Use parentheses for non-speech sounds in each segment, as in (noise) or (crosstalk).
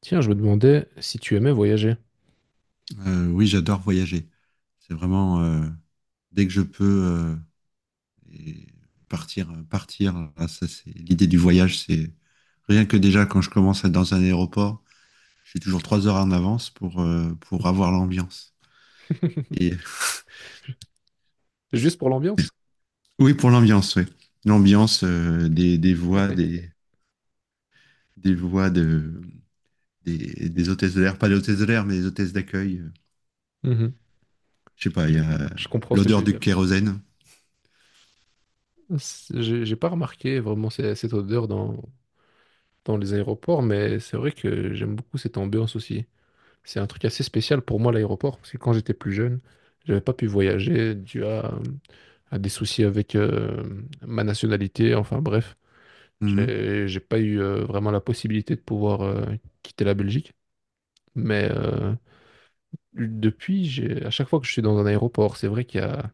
Tiens, je me demandais si tu aimais voyager. Oui, j'adore voyager. C'est vraiment dès que je peux et partir, partir. Là, ça, c'est l'idée du voyage. C'est rien que déjà quand je commence à être dans un aéroport, je suis toujours 3 heures en avance pour avoir l'ambiance. (laughs) Et Juste pour l'ambiance. (laughs) oui, pour l'ambiance, oui. L'ambiance des voix, (laughs) des voix de des hôtesses de l'air, pas des hôtesses de l'air, mais des hôtesses d'accueil. Mhm. Je sais pas, Je, il y a je comprends ce que tu l'odeur veux du dire. kérosène. J'ai pas remarqué vraiment cette odeur dans les aéroports, mais c'est vrai que j'aime beaucoup cette ambiance aussi. C'est un truc assez spécial pour moi, l'aéroport, parce que quand j'étais plus jeune, j'avais pas pu voyager dû à des soucis avec ma nationalité. Enfin bref, Mhm. j'ai pas eu vraiment la possibilité de pouvoir quitter la Belgique, mais depuis, à chaque fois que je suis dans un aéroport, c'est vrai qu'il y a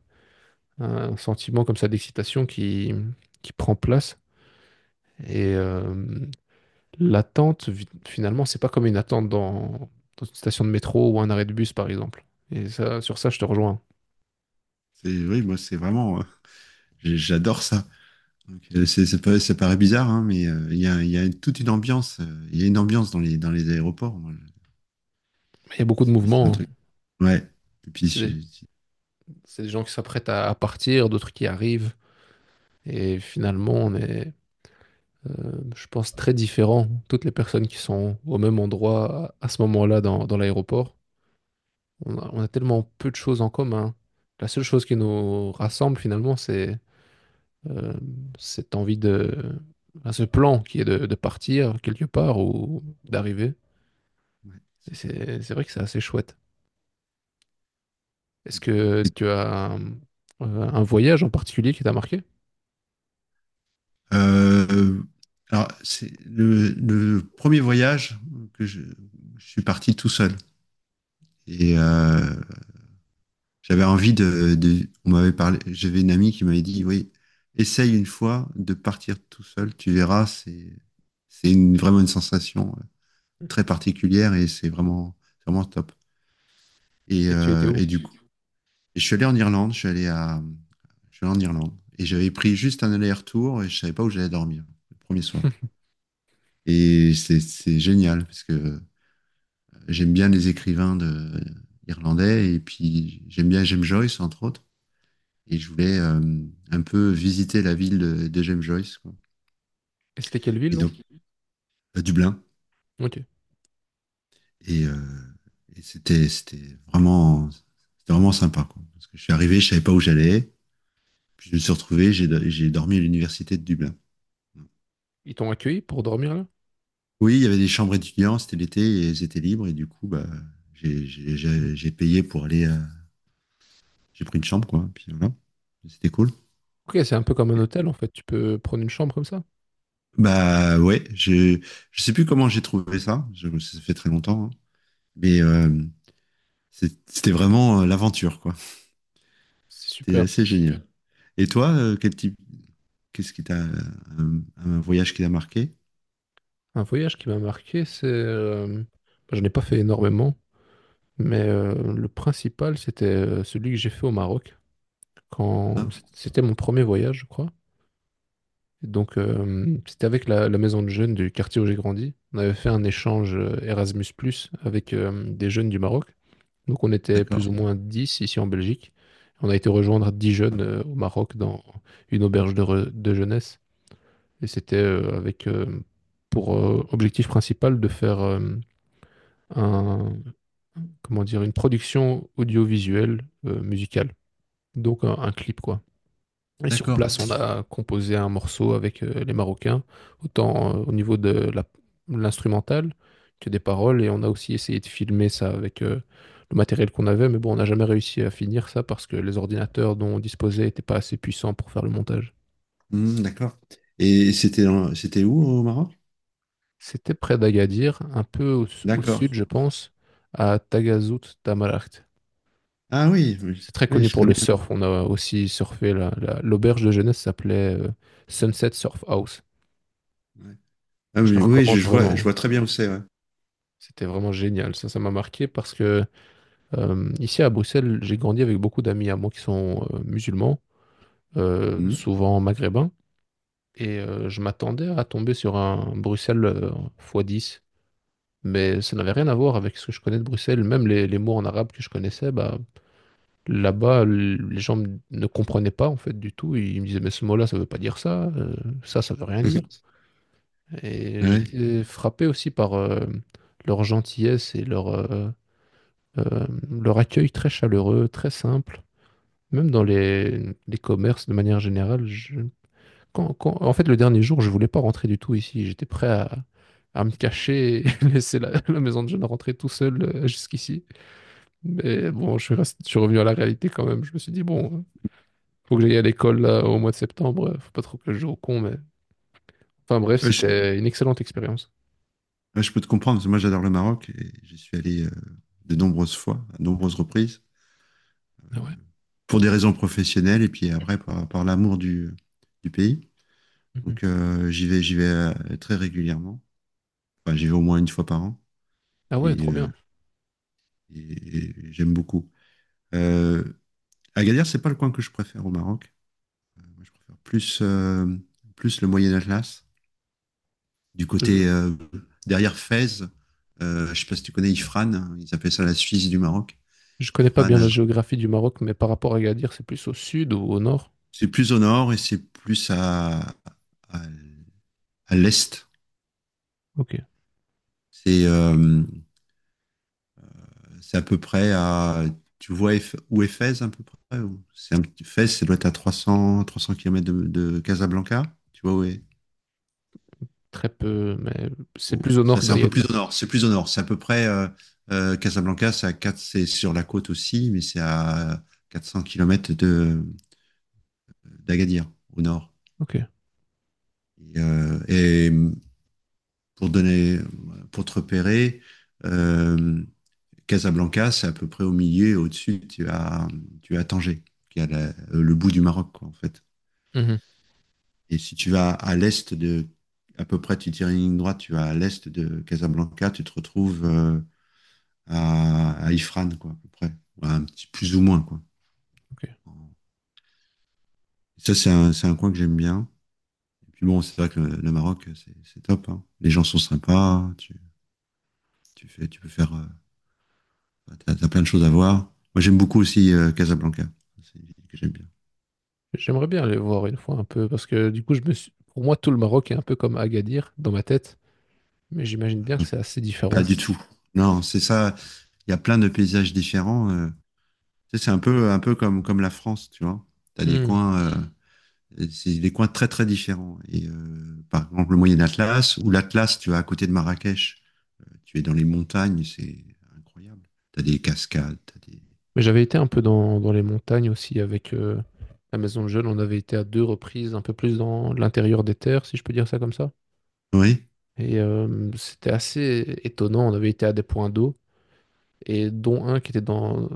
un sentiment comme ça d'excitation qui prend place. Et l'attente, finalement, c'est pas comme une attente dans une station de métro ou un arrêt de bus, par exemple. Et ça, sur ça, je te rejoins. C'est, oui, moi, c'est vraiment, j'adore ça. Donc, ça ça paraît bizarre, hein, mais il y a toute une ambiance. Il y a une ambiance dans les aéroports. Il y a beaucoup de C'est un mouvements, hein. truc. Ouais. Et puis, C'est des, c'est c'est des gens qui s'apprêtent à partir, d'autres qui arrivent. Et finalement, on est, je pense, très différents. Toutes les personnes qui sont au même endroit à ce moment-là dans l'aéroport. On a tellement peu de choses en commun. La seule chose qui nous rassemble finalement, c'est euh, cette envie enfin, ce plan qui est de partir quelque part ou d'arriver. ouais, Et c'est ça, ouais. c'est vrai que c'est assez chouette. Est-ce Et- que tu as un voyage en particulier qui t'a marqué? euh, alors, c'est le premier voyage que je, je suis parti tout seul. Et euh, J'avais envie On m'avait parlé. J'avais une amie qui m'avait dit, oui, essaye une fois de partir tout seul. Tu verras, c'est vraiment une sensation très Mhm. particulière, et c'est vraiment, vraiment top. Et, Et tu étais euh, où? et du coup, je suis allé en Irlande. Je suis allé en Irlande et j'avais pris juste un aller-retour et je savais pas où j'allais dormir le premier soir. Et c'est génial parce que j'aime bien les écrivains irlandais, et puis j'aime bien James Joyce, entre autres. Et je voulais un peu visiter la ville de James Joyce, quoi. Et c'était quelle ville, Et non? donc à Dublin. Ok. Et, euh, et c'était vraiment sympa, quoi. Parce que je suis arrivé, je savais pas où j'allais. Puis je me suis retrouvé, j'ai dormi à l'université de Dublin. Ils t'ont accueilli pour dormir là? Oui, il y avait des chambres étudiants, c'était l'été, et elles étaient libres, et du coup, bah, j'ai payé pour aller, j'ai pris une chambre, quoi, puis voilà, c'était cool. Ok, c'est un peu comme un hôtel en fait. Tu peux prendre une chambre comme ça. Bah ouais, je sais plus comment j'ai trouvé ça, ça fait très longtemps, hein. Mais c'était vraiment l'aventure, quoi. C'est C'était super. assez génial. Et toi, quel type, qu'est-ce qui un voyage qui t'a marqué? Un voyage qui m'a marqué, c'est, j'en ai pas fait énormément. Mais le principal, c'était celui que j'ai fait au Maroc quand Ah, c'était mon premier voyage, je crois. Et donc, c'était avec la maison de jeunes du quartier où j'ai grandi. On avait fait un échange Erasmus+ avec des jeunes du Maroc. Donc, on était plus d'accord, ou moins 10 ici en Belgique. On a été rejoindre 10 jeunes au Maroc dans une auberge de jeunesse. Et c'était avec pour objectif principal de faire un, comment dire, une production audiovisuelle, musicale. Donc un clip quoi. Et sur d'accord. place, on a composé un morceau avec les Marocains, autant au niveau de l'instrumental que des paroles. Et on a aussi essayé de filmer ça avec le matériel qu'on avait, mais bon, on n'a jamais réussi à finir ça parce que les ordinateurs dont on disposait n'étaient pas assez puissants pour faire le montage. Hmm, d'accord. Et c'était c'était où au Maroc? C'était près d'Agadir, un peu au D'accord. sud, je pense, à Tagazout Tamaraght. Ah oui, oui, C'est très oui, connu je pour le connais. surf. On a aussi surfé là. L'auberge de jeunesse s'appelait Sunset Surf House, Ouais. Ah que je te oui, oui, recommande je vois, vraiment, je hein. vois très bien où c'est, ouais. C'était vraiment génial. Ça m'a marqué parce que ici à Bruxelles, j'ai grandi avec beaucoup d'amis à moi qui sont musulmans, Hmm. souvent maghrébins, et je m'attendais à tomber sur un Bruxelles x 10, mais ça n'avait rien à voir avec ce que je connais de Bruxelles. Même les mots en arabe que je connaissais, bah, là-bas, les gens ne comprenaient pas en fait du tout. Ils me disaient, mais ce mot-là, ça veut pas dire ça, ça, ça veut rien dire. (laughs) Et Ouais. j'étais frappé aussi par leur gentillesse et leur accueil très chaleureux, très simple. Même dans les commerces de manière générale, en fait, le dernier jour, je voulais pas rentrer du tout ici. J'étais prêt à me cacher et (laughs) laisser la maison de jeunes rentrer tout seul jusqu'ici. Mais bon, je suis revenu à la réalité quand même. Je me suis dit, bon, faut que j'aille à l'école là, au mois de septembre. Faut pas trop que je joue au con, mais. Enfin bref, Ouais, c'était une excellente expérience. ouais, je peux te comprendre, parce que moi j'adore le Maroc et j'y suis allé de nombreuses fois, à de nombreuses reprises, Ah ouais. pour des raisons professionnelles et puis après par l'amour du pays. Mhm. Donc j'y vais très régulièrement. Enfin, j'y vais au moins une fois par an Ah ouais, et, trop euh, bien. et j'aime beaucoup. Euh, Agadir, c'est pas le coin que je préfère au Maroc. Moi, je préfère plus, plus le Moyen Atlas. Du Je, côté derrière Fès, je sais pas si tu connais Ifrane, hein, ils appellent ça la Suisse du Maroc. je connais pas bien Ifrane, la géographie du Maroc, mais par rapport à Agadir, c'est plus au sud ou au nord? c'est plus au nord et c'est plus à, à l'est. Ok. C'est euh, c'est à peu près à. Tu vois où est Fès à peu près? C'est un petit Fès, ça doit être à 300 km de Casablanca. Tu vois où est, Très peu, mais c'est oh, plus au ça, nord que c'est un peu plus d'Agadir. au nord. C'est plus au nord. C'est à peu près Casablanca, c'est à c'est sur la côte aussi, mais c'est à 400 kilomètres de d'Agadir, au nord. Ok. Et pour donner, pour te repérer, euh, Casablanca, c'est à peu près au milieu, et au-dessus, tu as Tanger, qui est le bout du Maroc, quoi, en fait. Mhm. Et si tu vas à l'est à peu près, tu tires une ligne droite, tu vas à l'est de Casablanca, tu te retrouves à Ifran, quoi, à peu près. Voilà, un petit plus ou moins, quoi. Ok. Ça, c'est un coin que j'aime bien. Et puis bon, c'est vrai que le Maroc, c'est top, hein. Les gens sont sympas. Tu peux faire, t'as plein de choses à voir. Moi, j'aime beaucoup aussi Casablanca. C'est une ville que j'aime bien. J'aimerais bien aller voir une fois un peu, parce que du coup, pour moi, tout le Maroc est un peu comme Agadir dans ma tête, mais j'imagine bien que c'est assez Pas différent. du tout. Non, c'est ça. Il y a plein de paysages différents. Tu sais, c'est un peu comme la France, tu vois. T'as des Hmm. coins, c'est des coins très très différents. Par exemple, le Moyen Atlas ou l'Atlas, tu vois, à côté de Marrakech. Tu es dans les montagnes, c'est incroyable. Tu as des cascades, tu as des. Mais j'avais été un peu dans, les montagnes aussi avec la maison de jeunes. On avait été à deux reprises, un peu plus dans l'intérieur des terres, si je peux dire ça comme ça. Oui. Et c'était assez étonnant. On avait été à des points d'eau, et dont un qui était dans,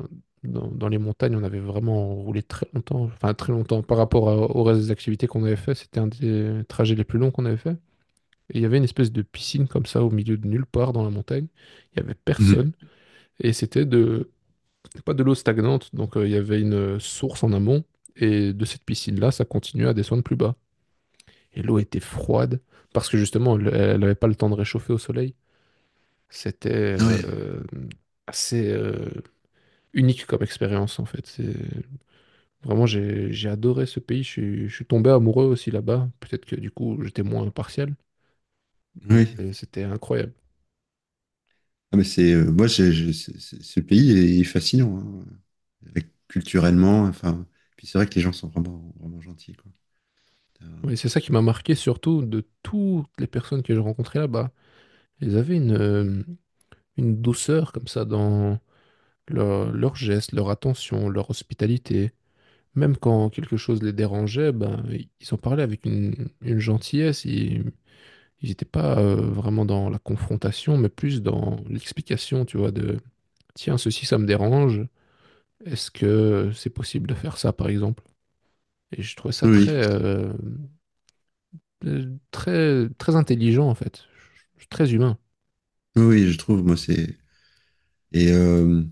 dans, dans les montagnes. On avait vraiment roulé très longtemps, enfin très longtemps par rapport au reste des activités qu'on avait fait. C'était un des trajets les plus longs qu'on avait fait. Et il y avait une espèce de piscine comme ça au milieu de nulle part dans la montagne. Il n'y avait Mmh. personne. Et c'était pas de l'eau stagnante, donc il y avait une source en amont. Et de cette piscine-là, ça continuait à descendre plus bas. Et l'eau était froide parce que justement, elle n'avait pas le temps de réchauffer au soleil. C'était Oui, assez unique comme expérience en fait. C'est vraiment j'ai adoré ce pays. Je suis tombé amoureux aussi là-bas. Peut-être que du coup j'étais moins impartial, oui. mais c'était incroyable. Ah, mais moi, ce pays est fascinant, hein. Culturellement. Enfin, puis c'est vrai que les gens sont vraiment, vraiment gentils, quoi. T'as- Et c'est ça qui m'a marqué surtout de toutes les personnes que j'ai rencontrées là-bas. Ils avaient une douceur comme ça dans leurs gestes, leur attention, leur hospitalité. Même quand quelque chose les dérangeait, ben, ils en parlaient avec une gentillesse. Ils n'étaient pas vraiment dans la confrontation, mais plus dans l'explication, tu vois, tiens, ceci, ça me dérange. Est-ce que c'est possible de faire ça, par exemple? Et je trouvais ça Oui, oui, très, très intelligent, en fait. Très humain. oui, oui, je trouve, moi, c'est. Et euh,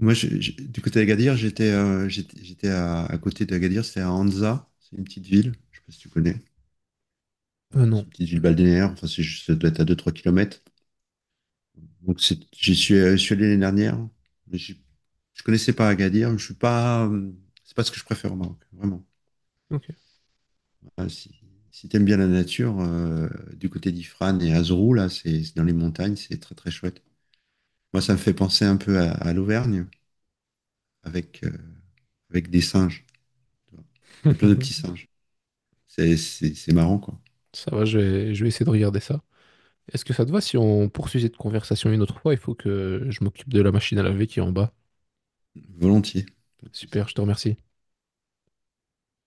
Moi, du côté d'Agadir, j'étais j'étais à côté d'Agadir, c'était à Anza, c'est une petite ville, je sais pas si tu connais. Ah C'est non. une petite ville balnéaire, enfin, c'est juste, ça doit être à deux, trois km. Donc je suis allé l'année dernière, mais je connaissais pas Agadir. Je suis pas, C'est pas ce que je préfère au Maroc, vraiment. Ok. Ah, si t'aimes bien la nature, du côté d'Ifrane et Azrou, là, c'est dans les montagnes, c'est très très chouette. Moi, ça me fait penser un peu à l'Auvergne avec avec des singes, tu vois. Il y a plein de petits (laughs) singes. C'est marrant, quoi. Ça va, je vais essayer de regarder ça. Est-ce que ça te va si on poursuit cette conversation une autre fois? Il faut que je m'occupe de la machine à laver qui est en bas. Volontiers, pas de Super, souci. je te remercie.